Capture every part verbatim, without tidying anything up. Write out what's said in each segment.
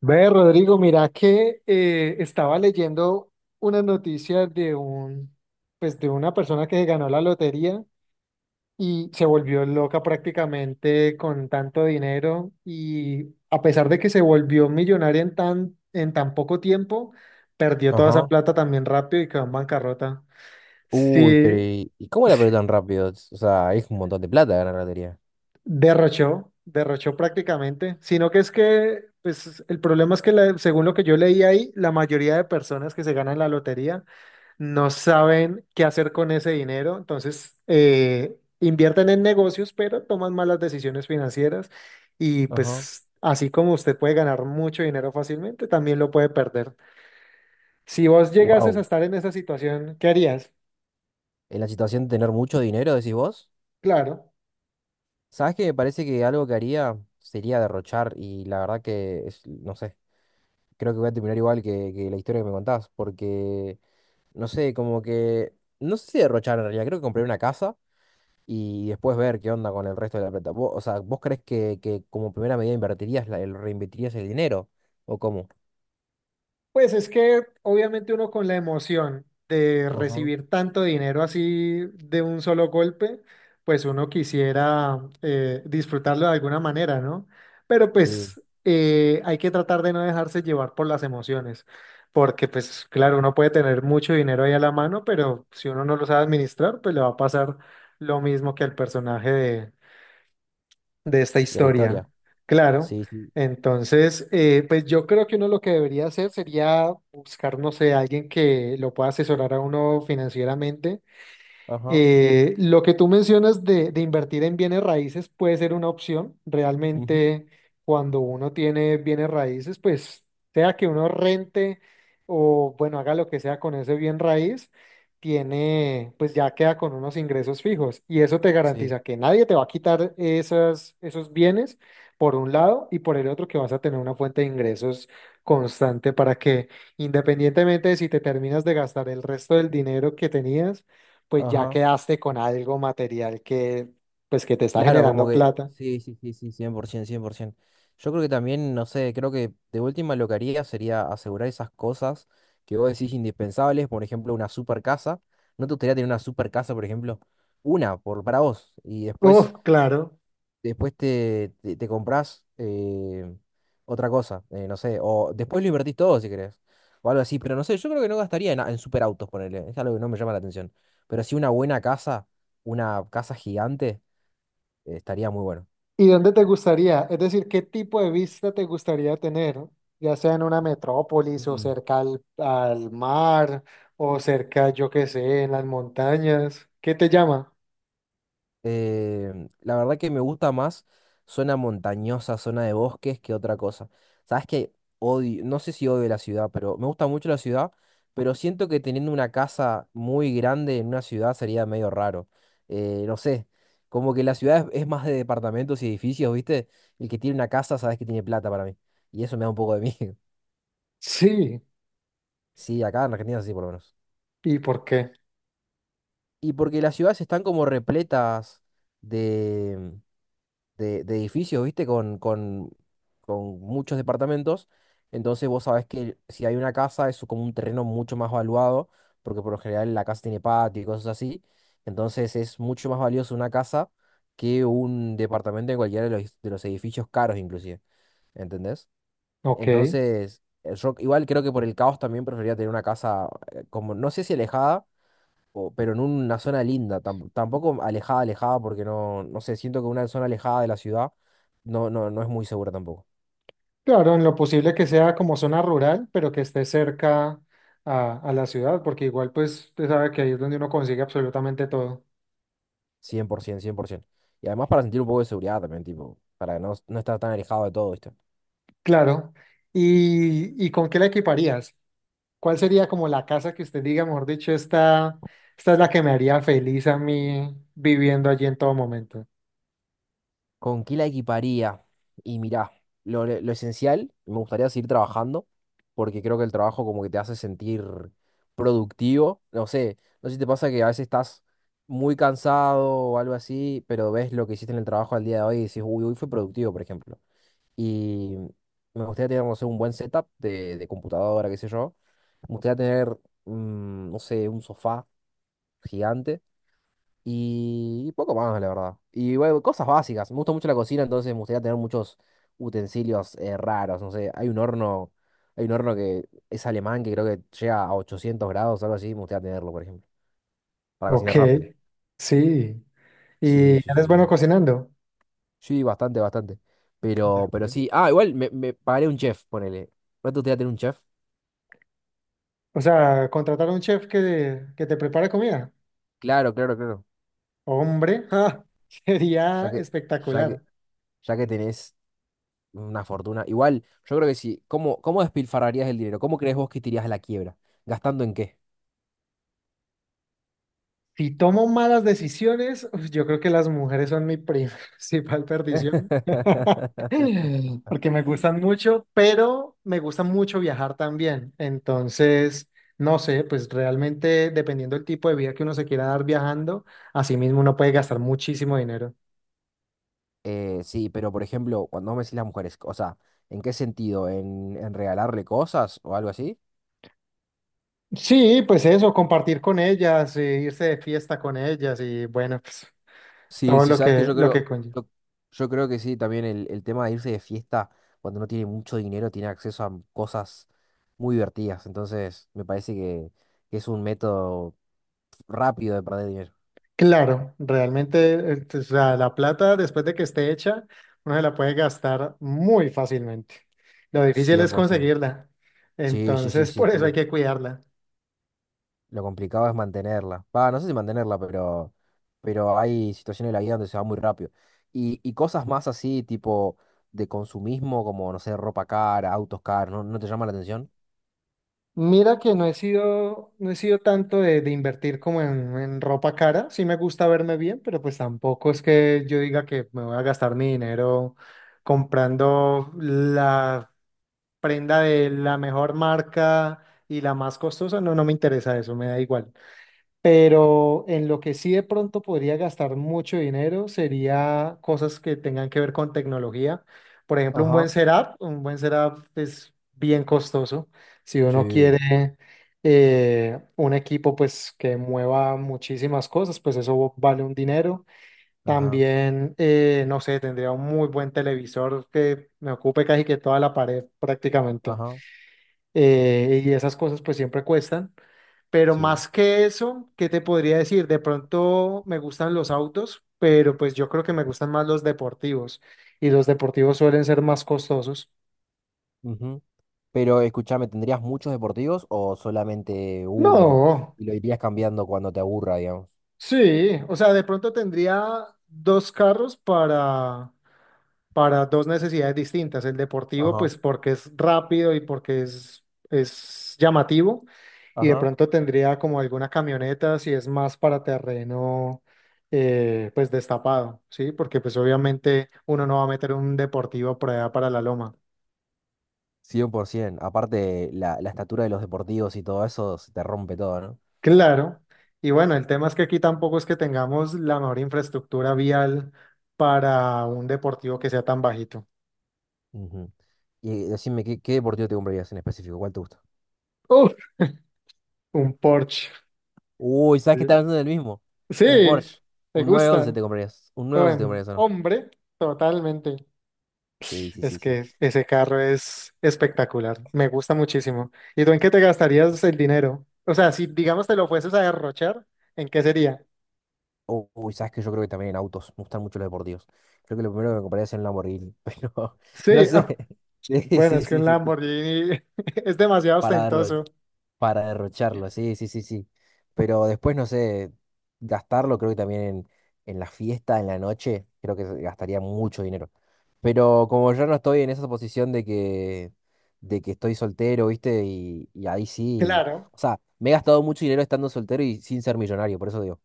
Ve, Rodrigo, mira que eh, estaba leyendo una noticia de un, pues de una persona que ganó la lotería y se volvió loca prácticamente con tanto dinero y a pesar de que se volvió millonaria en tan, en tan poco tiempo, perdió toda esa Ajá. plata también rápido y quedó en bancarrota. Uy, Sí. pero ¿y, y cómo la perdió tan rápido? Es- O sea, es un montón de plata ganar la lotería. Derrochó, derrochó prácticamente, sino que es que, pues el problema es que la- según lo que yo leí ahí, la mayoría de personas que se ganan la lotería no saben qué hacer con ese dinero, entonces eh, invierten en negocios, pero toman malas decisiones financieras y Ajá. pues así como usted puede ganar mucho dinero fácilmente, también lo puede perder. Si vos llegases a Wow. estar en esa situación, ¿qué harías? En la situación de tener mucho dinero, decís vos. Claro. ¿Sabes qué? Me parece que algo que haría sería derrochar, y la verdad que, es- no sé, creo que voy a terminar igual que, que la historia que me contás, porque no sé, como que, no sé si derrochar en realidad. Creo que compré una casa y después ver qué onda con el resto de la plata. Vos- o sea, ¿vos crees que, que como primera medida invertirías, la- el, reinvertirías el dinero? ¿O cómo? Pues es que obviamente uno con la emoción de Ajá. recibir tanto dinero así de un solo golpe, pues uno quisiera eh, disfrutarlo de alguna manera, ¿no? Pero Sí, pues eh, hay que tratar de no dejarse llevar por las emociones, porque pues claro, uno puede tener mucho dinero ahí a la mano, pero si uno no lo sabe administrar, pues le va a pasar lo mismo que al personaje de esta de la historia. historia. Claro. Sí, sí. Entonces, eh, pues yo creo que uno lo que debería hacer sería buscar, no sé, alguien que lo pueda asesorar a uno financieramente Ajá. eh, lo que tú mencionas de, de invertir en bienes raíces puede ser una opción. Ujú. Realmente, cuando uno tiene bienes raíces, pues sea que uno rente o, bueno, haga lo que sea con ese bien raíz, tiene, pues ya queda con unos ingresos fijos. Y eso te Sí. garantiza que nadie te va a quitar esas, esos bienes, por un lado, y por el otro, que vas a tener una fuente de ingresos constante para que, independientemente de si te terminas de gastar el resto del dinero que tenías, pues ya Ajá. quedaste con algo material que, pues que te está Claro, como generando que. plata. Sí, sí, sí, sí, cien cien por ciento, cien por cien por ciento. Yo creo que también, no sé, creo que de última lo que haría sería asegurar esas cosas que vos decís indispensables, por ejemplo, una super casa. ¿No te gustaría tener una super casa, por ejemplo? Una, por, para vos. Y después Uf, claro. después te, te, te compras eh, otra cosa. Eh, no sé, o después lo invertís todo si querés, o algo así, pero no sé, yo creo que no gastaría en, en superautos, ponerle, es algo que no me llama la atención, pero sí una buena casa, una casa gigante. Eh, estaría muy bueno. ¿Y dónde te gustaría? Es decir, ¿qué tipo de vista te gustaría tener? Ya sea en una metrópolis o cerca al, al mar o cerca, yo qué sé, en las montañas. ¿Qué te llama? Eh, la verdad que me gusta más zona montañosa, zona de bosques que otra cosa. Sabes que odio, no sé si odio la ciudad, pero me gusta mucho la ciudad, pero siento que teniendo una casa muy grande en una ciudad sería medio raro. Eh, no sé, como que la ciudad es, es más de departamentos y edificios, ¿viste? El que tiene una casa, sabes que tiene plata para mí. Y eso me da un poco de miedo. Sí. Sí, acá en Argentina sí, por lo menos. ¿Y por qué? Y porque las ciudades están como repletas de, de edificios, ¿viste? Con, con, con muchos departamentos. Entonces vos sabés que si hay una casa, es como un terreno mucho más valuado, porque por lo general la casa tiene patio y cosas así. Entonces es mucho más valioso una casa que un departamento en cualquiera de los, de los edificios caros inclusive, ¿entendés? Ok. Entonces, eh, yo igual creo que por el caos también preferiría tener una casa eh, como, no sé si alejada, o- pero en una zona linda, tam- tampoco alejada, alejada, porque no, no sé, siento que una zona alejada de la ciudad no, no, no es muy segura tampoco. Claro, en lo posible que sea como zona rural, pero que esté cerca a, a la ciudad, porque igual pues usted sabe que ahí es donde uno consigue absolutamente todo. cien cien por ciento, cien por cien por ciento. Y además para sentir un poco de seguridad también, tipo, para no, no estar tan alejado de todo, ¿viste? Claro. ¿Y, y con qué la equiparías? ¿Cuál sería como la casa que usted diga, mejor dicho, esta, esta es la que me haría feliz a mí viviendo allí en todo momento? ¿Con qué la equiparía? Y mirá, lo, lo esencial, me gustaría seguir trabajando, porque creo que el trabajo como que te hace sentir productivo. No sé, no sé si te pasa que a veces estás muy cansado o algo así, pero ves lo que hiciste en el trabajo al día de hoy y dices, uy, hoy fue productivo, por ejemplo. Y me gustaría tener, no sé, un buen setup de, de computadora, qué sé yo. Me gustaría tener, mm, no sé, un sofá gigante y poco más, la verdad. Y bueno, cosas básicas. Me gusta mucho la cocina, entonces me gustaría tener muchos utensilios eh, raros. No sé, hay un horno, hay un horno que es alemán que creo que llega a ochocientos grados, algo así. Me gustaría tenerlo, por ejemplo, para Ok, cocinar rápido. sí. ¿Y Sí, sí, sí, eres bueno sí. cocinando? Sí, bastante, bastante. Ya, Pero, pero pues. sí. Ah, igual me, me pagaré un chef, ponele. ¿No te gustaría tener un chef? O sea, contratar a un chef que, que te prepare comida. Claro, claro, claro. Hombre, ja, sería Ya que, ya que, espectacular. ya que tenés una fortuna. Igual, yo creo que sí. ¿Cómo, ¿cómo despilfarrarías el dinero? ¿Cómo crees vos que te irías a la quiebra? ¿Gastando en qué? Si tomo malas decisiones, uf, yo creo que las mujeres son mi pri- principal perdición. Porque me gustan mucho, pero me gusta mucho viajar también. Entonces, no sé, pues realmente dependiendo del tipo de vida que uno se quiera dar viajando, así mismo uno puede gastar muchísimo dinero. Eh, sí, pero por ejemplo, cuando vos me decís las mujeres, o sea, ¿en qué sentido? ¿En, en regalarle cosas o algo así? Sí, pues eso, compartir con ellas, eh, irse de fiesta con ellas y bueno, pues Sí, todo sí, lo sabes que que yo lo creo, que conlleva. yo, yo creo que sí, también el, el tema de irse de fiesta cuando no tiene mucho dinero tiene acceso a cosas muy divertidas. Entonces, me parece que, que es un método rápido de perder dinero. Claro, realmente, eh, o sea, la plata después de que esté hecha, uno se la puede gastar muy fácilmente. Lo difícil es cien por ciento. conseguirla. Sí, sí, sí, Entonces, sí, por eso hay sí. que cuidarla. Lo complicado es mantenerla. Va, no sé si mantenerla, pero, pero hay situaciones de la vida donde se va muy rápido. Y, y cosas más así, tipo de consumismo, como, no sé, ropa cara, autos caros, ¿no, no te llama la atención? Mira que no he sido, no he sido tanto de, de invertir como en, en ropa cara. Sí me gusta verme bien, pero pues tampoco es que yo diga que me voy a gastar mi dinero comprando la prenda de la mejor marca y la más costosa. No, no me interesa eso, me da igual. Pero en lo que sí de pronto podría gastar mucho dinero sería cosas que tengan que ver con tecnología. Por ejemplo, un buen Ajá. setup, un buen setup es bien costoso. Si uno Sí. quiere eh, un equipo pues que mueva muchísimas cosas, pues eso vale un dinero. Ajá. También, eh, no sé, tendría un muy buen televisor que me ocupe casi que toda la pared prácticamente. Ajá, Eh, y esas cosas pues siempre cuestan. Pero sí. más que eso, ¿qué te podría decir? De pronto me gustan los autos, pero pues yo creo que me gustan más los deportivos y los deportivos suelen ser más costosos. Ujú. Pero escúchame, ¿tendrías muchos deportivos o solamente uno No, y lo irías cambiando cuando te aburra, digamos? sí, o sea, de pronto tendría dos carros para... para dos necesidades distintas. El deportivo, Ajá, pues porque es rápido y porque es, es llamativo, y de ajá. pronto tendría como alguna camioneta si es más para terreno, eh, pues destapado, ¿sí? Porque pues obviamente uno no va a meter un deportivo por allá para la loma. cien por ciento. Aparte, la, la estatura de los deportivos y todo eso se te rompe todo, ¿no? Claro. Y bueno, el tema es que aquí tampoco es que tengamos la mejor infraestructura vial para un deportivo que sea tan bajito. Ujú. Y decime, ¿qué, ¿qué deportivo te comprarías en específico? ¿Cuál te gusta? Uf, un Porsche. Uy, ¿sabes que estás Sí. hablando del mismo? Sí, Un Porsche. me Un nueve once gusta. te comprarías. Un nueve once te Bueno, comprarías, ¿o no? hombre, totalmente. Sí, sí, Es sí, sí. que ese carro es espectacular, me gusta muchísimo. ¿Y tú en qué te gastarías el dinero? O sea, si digamos te lo fueses a derrochar, ¿en qué sería? Oh. Uy, sabes que yo creo que también en autos. Me gustan mucho los deportivos. Creo que lo primero que me compraría es un Lamborghini, pero no Sí, sé. ah, Sí, bueno, sí, es que sí, un sí. Lamborghini es demasiado Para derro- ostentoso. para derrocharlo, sí, sí, sí, sí. Pero después, no sé, gastarlo creo que también en, en la fiesta, en la noche, creo que gastaría mucho dinero. Pero como yo no estoy en esa posición de que, de que estoy soltero, ¿viste? Y, y ahí sí. Claro, O sea, me he gastado mucho dinero estando soltero y sin ser millonario, por eso digo.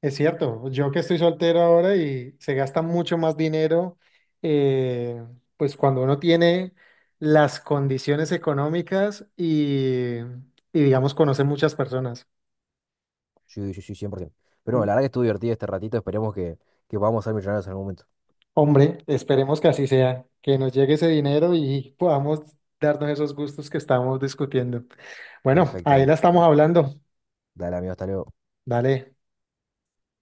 es cierto. Yo que estoy soltero ahora y se gasta mucho más dinero, eh, pues cuando uno tiene las condiciones económicas y, y digamos, conoce muchas personas. Sí, sí, sí, cien por ciento. Pero bueno, la verdad que estuvo divertido este ratito. Esperemos que, que podamos ser millonarios en algún momento. Hombre, esperemos que así sea, que nos llegue ese dinero y podamos darnos esos gustos que estamos discutiendo. Bueno, Perfecto, ahí David. la estamos hablando. Dale, amigo, hasta luego. Dale.